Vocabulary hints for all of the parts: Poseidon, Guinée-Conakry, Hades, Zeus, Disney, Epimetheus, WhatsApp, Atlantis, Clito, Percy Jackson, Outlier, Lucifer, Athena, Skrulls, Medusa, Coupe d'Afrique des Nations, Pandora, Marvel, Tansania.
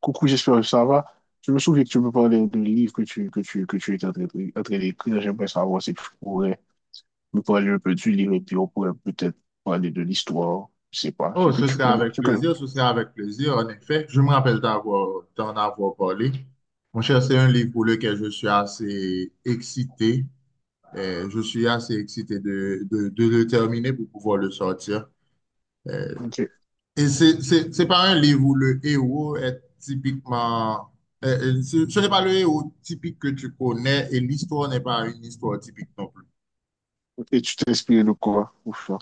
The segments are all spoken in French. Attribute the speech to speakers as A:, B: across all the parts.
A: Coucou, j'espère que ça va. Je me souviens que tu me parlais d'un livre que tu étais en train d'écrire. J'aimerais savoir si tu pourrais me parler un peu du livre et puis on pourrait peut-être parler de l'histoire. Je sais pas. Ce
B: Oh,
A: que
B: ce
A: tu
B: serait
A: peux.
B: avec plaisir, ce serait avec plaisir, en effet. Je me rappelle d'en avoir parlé. Mon cher, c'est un livre pour lequel je suis assez excité. Je suis assez excité de le terminer pour pouvoir le sortir. Euh,
A: Ok.
B: et c'est pas un livre où le héros est typiquement... ce n'est pas le héros typique que tu connais et l'histoire n'est pas une histoire typique non plus.
A: Et tu t'es inspiré de quoi pour ça?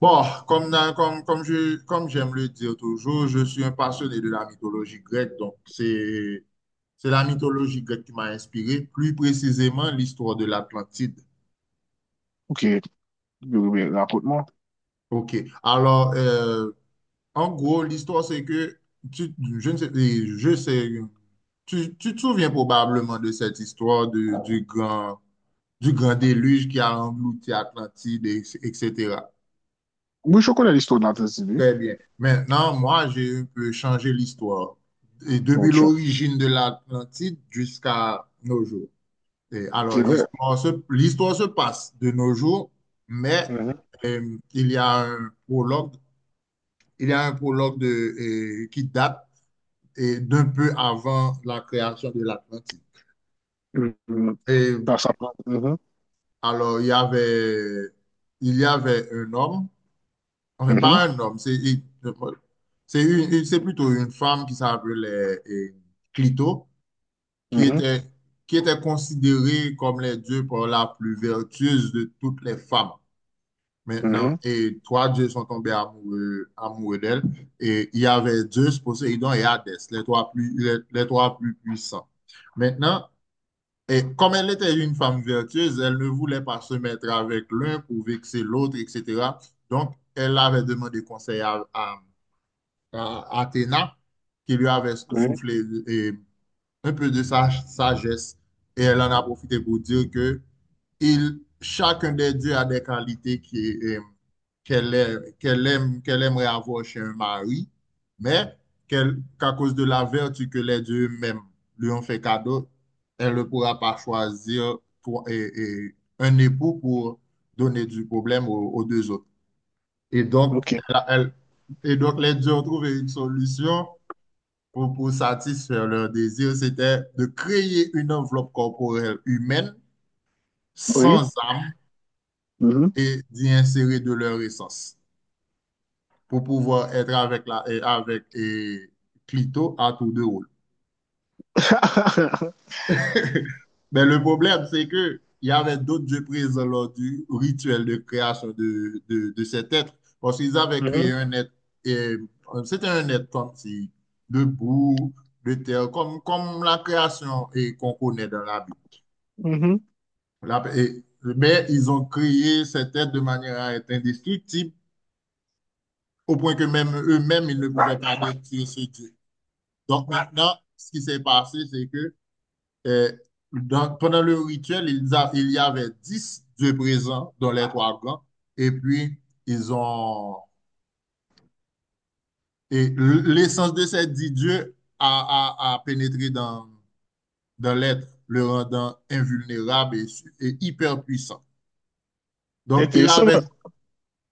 B: Bon, comme comme j'aime le dire toujours, je suis un passionné de la mythologie grecque, c'est la mythologie grecque qui m'a inspiré, plus précisément l'histoire de l'Atlantide.
A: Ok. Oui, oui, oui, raconte-moi.
B: OK. Alors, en gros, l'histoire, c'est que, tu, je ne sais, et je sais, tu te souviens probablement de du grand déluge qui a englouti Atlantide, etc.
A: Oui, je connais l'histoire de la Tanzanie.
B: Très bien. Maintenant, moi, j'ai un peu changé l'histoire. Et
A: Donc,
B: depuis
A: tu-
B: l'origine de l'Atlantide jusqu'à nos jours. Et
A: c'est
B: alors,
A: vrai.
B: l'histoire se passe de nos jours, mais
A: Mhm.
B: euh, il y a un prologue, il y a un prologue qui date d'un peu avant la création de l'Atlantide.
A: Mhm.
B: Et
A: Ça prend. Mhm.
B: alors, il y avait un homme. Enfin,
A: Mhm.
B: pas un homme, c'est il- c'est une- c'est plutôt une femme qui s'appelait Clito, qui
A: Mhm.
B: était, qui était considérée comme les dieux pour la plus vertueuse de toutes les femmes. Maintenant,
A: Mhm.
B: et trois dieux sont tombés amoureux d'elle. Et il y avait Zeus, Poséidon et Hadès, les trois plus puissants. Maintenant, et comme elle était une femme vertueuse, elle ne voulait pas se mettre avec l'un pour vexer l'autre, etc. Donc, elle avait demandé conseil à Athéna qui lui avait
A: Oui,
B: soufflé et un peu de sa sagesse et elle en a profité pour dire que chacun des dieux a des qualités qui, qu'elle aimerait avoir chez un mari, mais qu'à cause de la vertu que les dieux eux-mêmes lui ont fait cadeau, elle ne pourra pas choisir un époux pour donner du problème aux deux autres. Et donc,
A: ok.
B: elle a- elle- et donc, les deux ont trouvé une solution pour satisfaire leur désir. C'était de créer une enveloppe corporelle humaine,
A: Oui.
B: sans âme,
A: Mhm.
B: et d'y insérer de leur essence pour pouvoir être avec, la, et avec et Clito à tour de rôle. Mais le problème, c'est que il y avait d'autres dieux présents lors du rituel de création de cet être. Parce qu'ils avaient créé
A: Mhm.
B: un être, et, c'était un être comme si, de boue, de terre, comme la création qu'on connaît dans la Bible.
A: Mhm.
B: Mais ils ont créé cet être de manière à être indestructible, au point que même eux-mêmes, ils ne pouvaient pas détruire ce Dieu. Donc maintenant, ce qui s'est passé, c'est que. Et donc, pendant le rituel, il y avait dix dieux présents dans les trois camps. Et puis, ils ont. L'essence de ces dix dieux a pénétré dans l'être, le rendant invulnérable et hyper puissant. Donc,
A: Intéressant, ouais.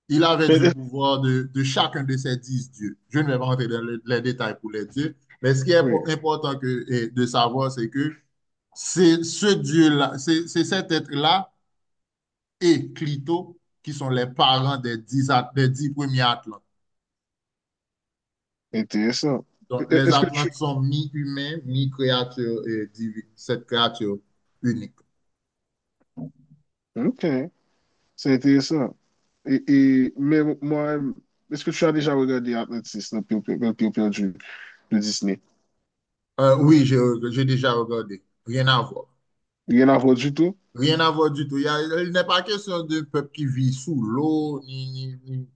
B: il avait
A: Mais-
B: du
A: euh,
B: pouvoir de chacun de ces dix dieux. Je ne vais pas rentrer dans les détails pour les dieux, mais ce qui est
A: oui,
B: important que, et de savoir, c'est que c'est ce dieu-là, c'est cet être-là et Clito, qui sont les parents des dix premiers Atlantes.
A: intéressant.
B: Donc, les
A: Est-ce que tu...
B: Atlantes sont mi-humains, mi-créatures et cette créature unique.
A: Ok. C'est intéressant. Et, mais moi, est-ce que tu as déjà regardé Atlantis, le pire pire du de Disney?
B: Oui, j'ai déjà regardé. Rien à voir.
A: Rien à voir du tout?
B: Rien à voir du tout. Il n'est pas question de peuple qui vit sous l'eau,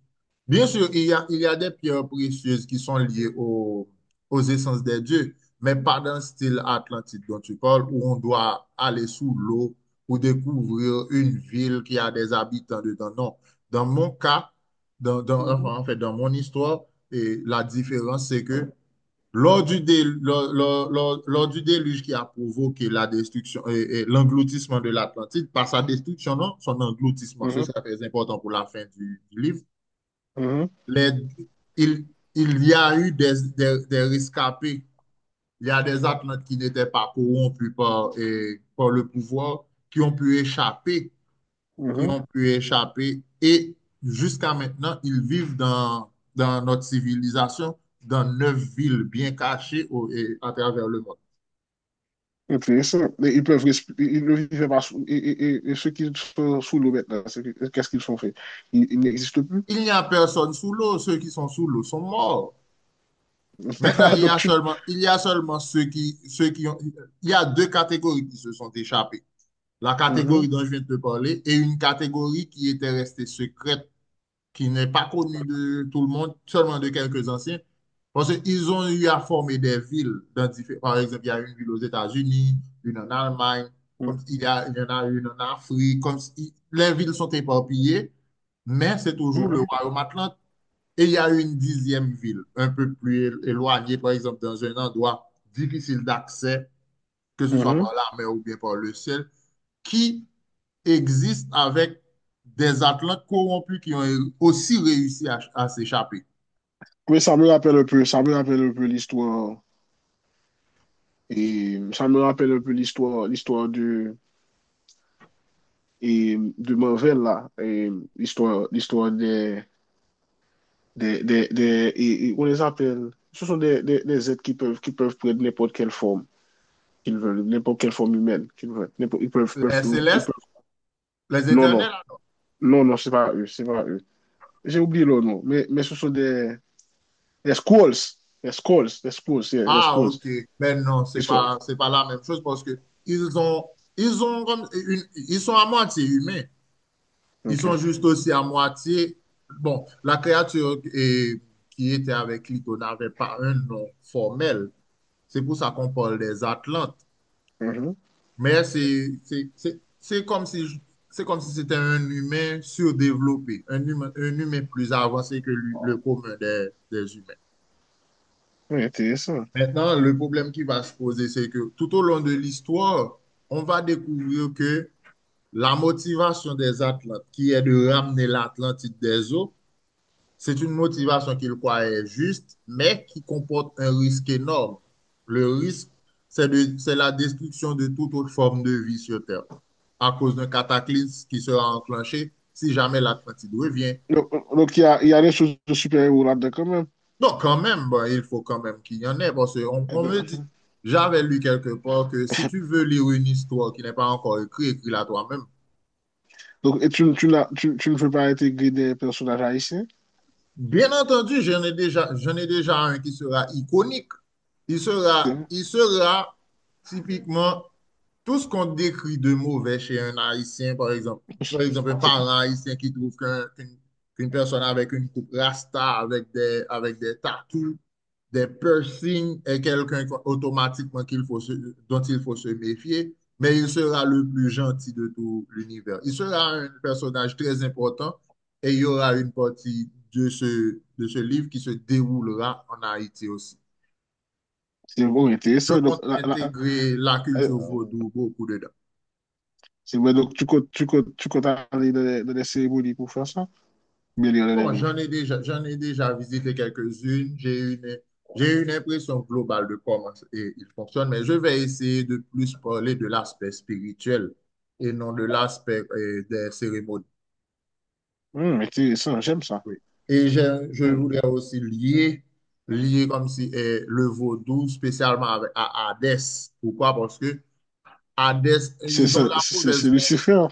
B: bien sûr, il y a des pierres précieuses qui sont liées aux essences des dieux, mais pas dans le style atlantique dont tu parles, où on doit aller sous l'eau pour découvrir une ville qui a des habitants dedans. Non. Dans mon cas,
A: Mhm.
B: enfin, en fait, dans mon histoire, et la différence, c'est que lors du, dé- lors- lors- lors- du déluge qui a provoqué la destruction et l'engloutissement de l'Atlantide, par sa destruction, non, son engloutissement, ce
A: Mhm,
B: sera très important pour la fin du livre.
A: mhm,
B: Les- il, il y a eu des rescapés, il y a des Atlantes qui n'étaient pas corrompus par le pouvoir, qui ont pu échapper, qui
A: mhm.
B: ont pu échapper, et jusqu'à maintenant, ils vivent dans notre civilisation, dans neuf villes bien cachées à travers le monde.
A: Intéressant. Mais ils peuvent, ils ne vivent pas sous, et ceux qui sont sous l'eau maintenant, qu'est-ce qu'ils ont fait? Ils n'existent plus.
B: Il n'y a personne sous l'eau. Ceux qui sont sous l'eau sont morts. Maintenant,
A: Donc tu.
B: il y a seulement ceux qui ont, il y a deux catégories qui se sont échappées. La
A: Mhm,
B: catégorie dont je viens de te parler et une catégorie qui était restée secrète, qui n'est pas connue de tout le monde, seulement de quelques anciens. Parce qu'ils ont eu à former des villes. Par exemple, il y a une ville aux États-Unis, une en Allemagne, comme
A: mhm,
B: il y en a une en Afrique, comme si les villes sont éparpillées, mais c'est toujours le
A: mhm,
B: royaume atlantique et il y a une dixième ville, un peu plus éloignée, par exemple, dans un endroit difficile d'accès, que ce soit par
A: mhm.
B: la mer ou bien par le ciel, qui existe avec des Atlantes corrompus qui ont aussi réussi à s'échapper.
A: Oui, ça me rappelle un peu l'histoire. Et ça me rappelle un peu l'histoire, l'histoire de Marvel là, et l'histoire des et on les appelle, ce sont des, des êtres qui peuvent prendre n'importe quelle forme qu'ils veulent, n'importe quelle forme humaine qu'ils veulent. Ils peuvent,
B: Les
A: ils
B: célestes,
A: peuvent-
B: les
A: non, non,
B: éternels,
A: non, non, c'est pas eux, c'est pas eux. J'ai oublié leur nom, mais ce sont des Skrulls, des Skrulls, yeah, des
B: ah
A: Skrulls.
B: ok, mais non,
A: Ils sont,
B: c'est pas la même chose parce que ils ont, ils ont comme une- ils sont à moitié humains. Ils
A: ok.
B: sont juste aussi à moitié. Bon, la créature eh, qui était avec Clito n'avait pas un nom formel. C'est pour ça qu'on parle des Atlantes.
A: Mhm.
B: Mais c'est comme si c'était un humain surdéveloppé, un humain plus avancé que le commun des humains.
A: Oui, intéressant.
B: Maintenant, le problème qui va se poser, c'est que tout au long de l'histoire, on va découvrir que la motivation des Atlantes, qui est de ramener l'Atlantide des eaux, c'est une motivation qu'il croit juste, mais qui comporte un risque énorme. Le risque, c'est la destruction de toute autre forme de vie sur Terre à cause d'un cataclysme qui sera enclenché si jamais l'Atlantide revient.
A: Donc, il y a des choses de super-héros là-dedans quand
B: Donc, quand même, bon, il faut quand même qu'il y en ait parce qu'on on me dit,
A: même.
B: j'avais lu quelque part que si tu veux lire une histoire qui n'est pas encore écrite, écris-la toi-même.
A: Donc, et tu, tu, tu ne veux pas intégrer des personnages haïtiens?
B: Bien entendu, j'en ai déjà un qui sera iconique.
A: C'est
B: Il sera typiquement tout ce qu'on décrit de mauvais chez un Haïtien, par exemple. Par exemple, un parent haïtien qui trouve qu'une personne avec une coupe rasta, avec des tattoos, des piercings, est quelqu'un automatiquement dont il faut se méfier, mais il sera le plus gentil de tout l'univers. Il sera un personnage très important et il y aura une partie de ce livre qui se déroulera en Haïti aussi.
A: c'est bon,
B: Je
A: intéressant.
B: compte intégrer la culture
A: Euh,
B: vaudou beaucoup dedans.
A: c'est vrai, donc tu comptes, tu comptes, tu comptes aller dans les cérémonies pour faire ça, mais lire dans les
B: Bon,
A: livres.
B: j'en ai déjà visité quelques-unes. J'ai une impression globale de comment il fonctionne, mais je vais essayer de plus parler de l'aspect spirituel et non de l'aspect des cérémonies.
A: Intéressant, j'aime ça.
B: Oui. Et je
A: Hum.
B: voudrais aussi lier, lier comme si le vaudou spécialement à Hadès. Pourquoi? Parce que Hadès,
A: C'est
B: ils ont
A: ça, c'est Lucifer.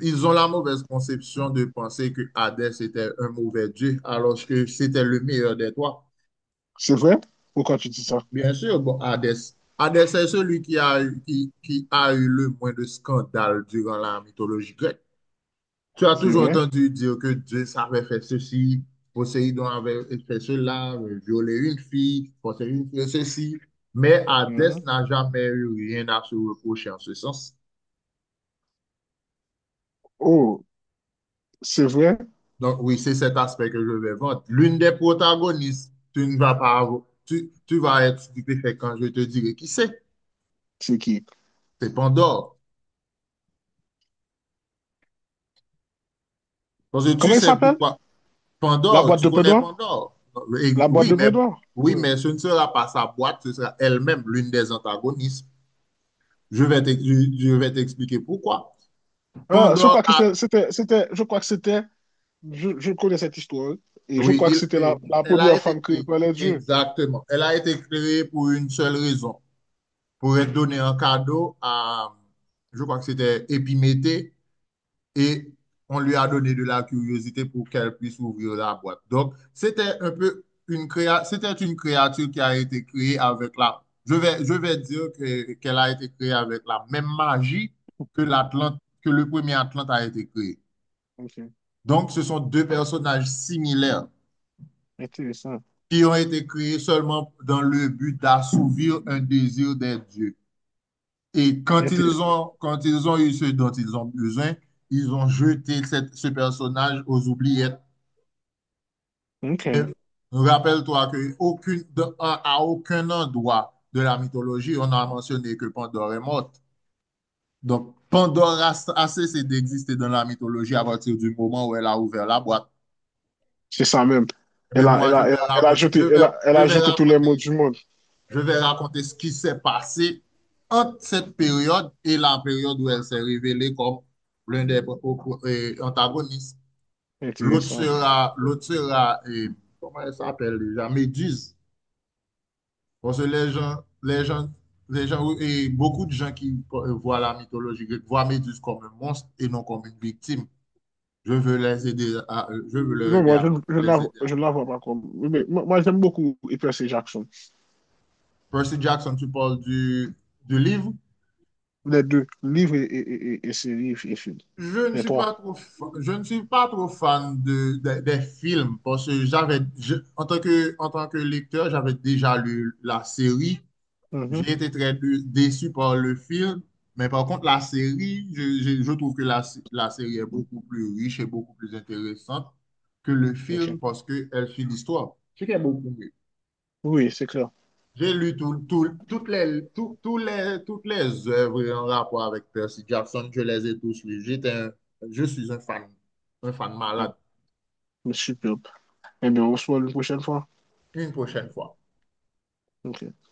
B: ils ont la mauvaise conception de penser que Hadès était un mauvais dieu, alors que c'était le meilleur des trois.
A: C'est vrai? Pourquoi tu dis ça?
B: Bien sûr, bon, Hadès est celui qui a eu, qui a eu le moins de scandales durant la mythologie grecque. Tu as
A: C'est
B: toujours
A: vrai?
B: entendu dire que Dieu savait faire ceci, Poséidon avait fait cela, violer une fille, Poséidon fait ceci, mais Hadès
A: Mhm.
B: n'a jamais eu rien à se reprocher en ce sens.
A: Oh, c'est vrai?
B: Donc, oui, c'est cet aspect que je vais vendre. L'une des protagonistes, tu ne vas pas avoir, tu vas être stupéfait quand je te dirai qui c'est.
A: C'est qui?
B: C'est Pandore. Parce que tu
A: Comment il
B: sais
A: s'appelle?
B: pourquoi.
A: La
B: Pandore,
A: boîte
B: tu
A: de
B: connais
A: Pandore?
B: Pandore. Et
A: La boîte de Pandore?
B: oui,
A: Oui.
B: mais ce ne sera pas sa boîte, ce sera elle-même l'une des antagonistes. Je vais t'expliquer pourquoi.
A: Ah,
B: Pandore a,
A: je crois que c'était. Je connais cette histoire et je
B: oui,
A: crois que
B: il-
A: c'était la
B: elle a
A: première
B: été
A: femme créée
B: créée.
A: par les dieux.
B: Exactement. Elle a été créée pour une seule raison, pour donner un cadeau à, je crois que c'était Épiméthée, et on lui a donné de la curiosité pour qu'elle puisse ouvrir la boîte. Donc, c'était un peu c'était une créature qui a été créée avec la, je vais dire qu'elle a été créée avec la même magie que l'Atlante, que le premier Atlante a été créé.
A: Ok,
B: Donc, ce sont deux personnages similaires
A: intéressant.
B: qui ont été créés seulement dans le but d'assouvir un désir des dieux. Et
A: Intéressant.
B: quand ils ont eu ce dont ils ont besoin, ils ont jeté ce personnage aux oubliettes. Mais
A: Ok,
B: rappelle-toi qu'aucune, à aucun endroit de la mythologie, on a mentionné que Pandore est morte. Donc, Pandore a, a cessé d'exister dans la mythologie à partir du moment où elle a ouvert la boîte.
A: c'est ça même.
B: Mais
A: Elle a,
B: moi,
A: elle a, elle a, elle a jeté, elle a, elle
B: je
A: a
B: vais
A: jeté tous les
B: raconter
A: mots du monde.
B: je vais raconter ce qui s'est passé entre cette période et la période où elle s'est révélée comme l'un des antagonistes.
A: Intéressant.
B: L'autre sera, et, comment elle s'appelle déjà, Méduse. Parce que les gens, oui, et beaucoup de gens qui voient la mythologie grecque voient Méduse comme un monstre et non comme une victime. Je veux leur
A: Non,
B: aider
A: moi,
B: à, les aider
A: je ne la
B: à.
A: vois pas comme. Mais moi, moi, j'aime beaucoup Hyper C. Jackson.
B: Percy Jackson, tu parles du livre?
A: Les deux, livres et séries et films. Les trois.
B: Je ne suis pas trop fan des films parce que en tant que, en tant que lecteur, j'avais déjà lu la série.
A: Mhm.
B: J'ai été très dé- déçu par le film, mais par contre, la série, je trouve que la série est beaucoup plus riche et beaucoup plus intéressante que le
A: Ok.
B: film parce qu'elle suit l'histoire, ce qui est beaucoup mieux.
A: Oui, c'est clair.
B: J'ai lu tout- tout- Toutes les, toutes les œuvres en rapport avec Percy Jackson. Je les ai tous lus. Je suis un fan
A: Mm.
B: malade.
A: Superbe. Eh bien, on se voit une prochaine fois.
B: Une prochaine fois.
A: Ok.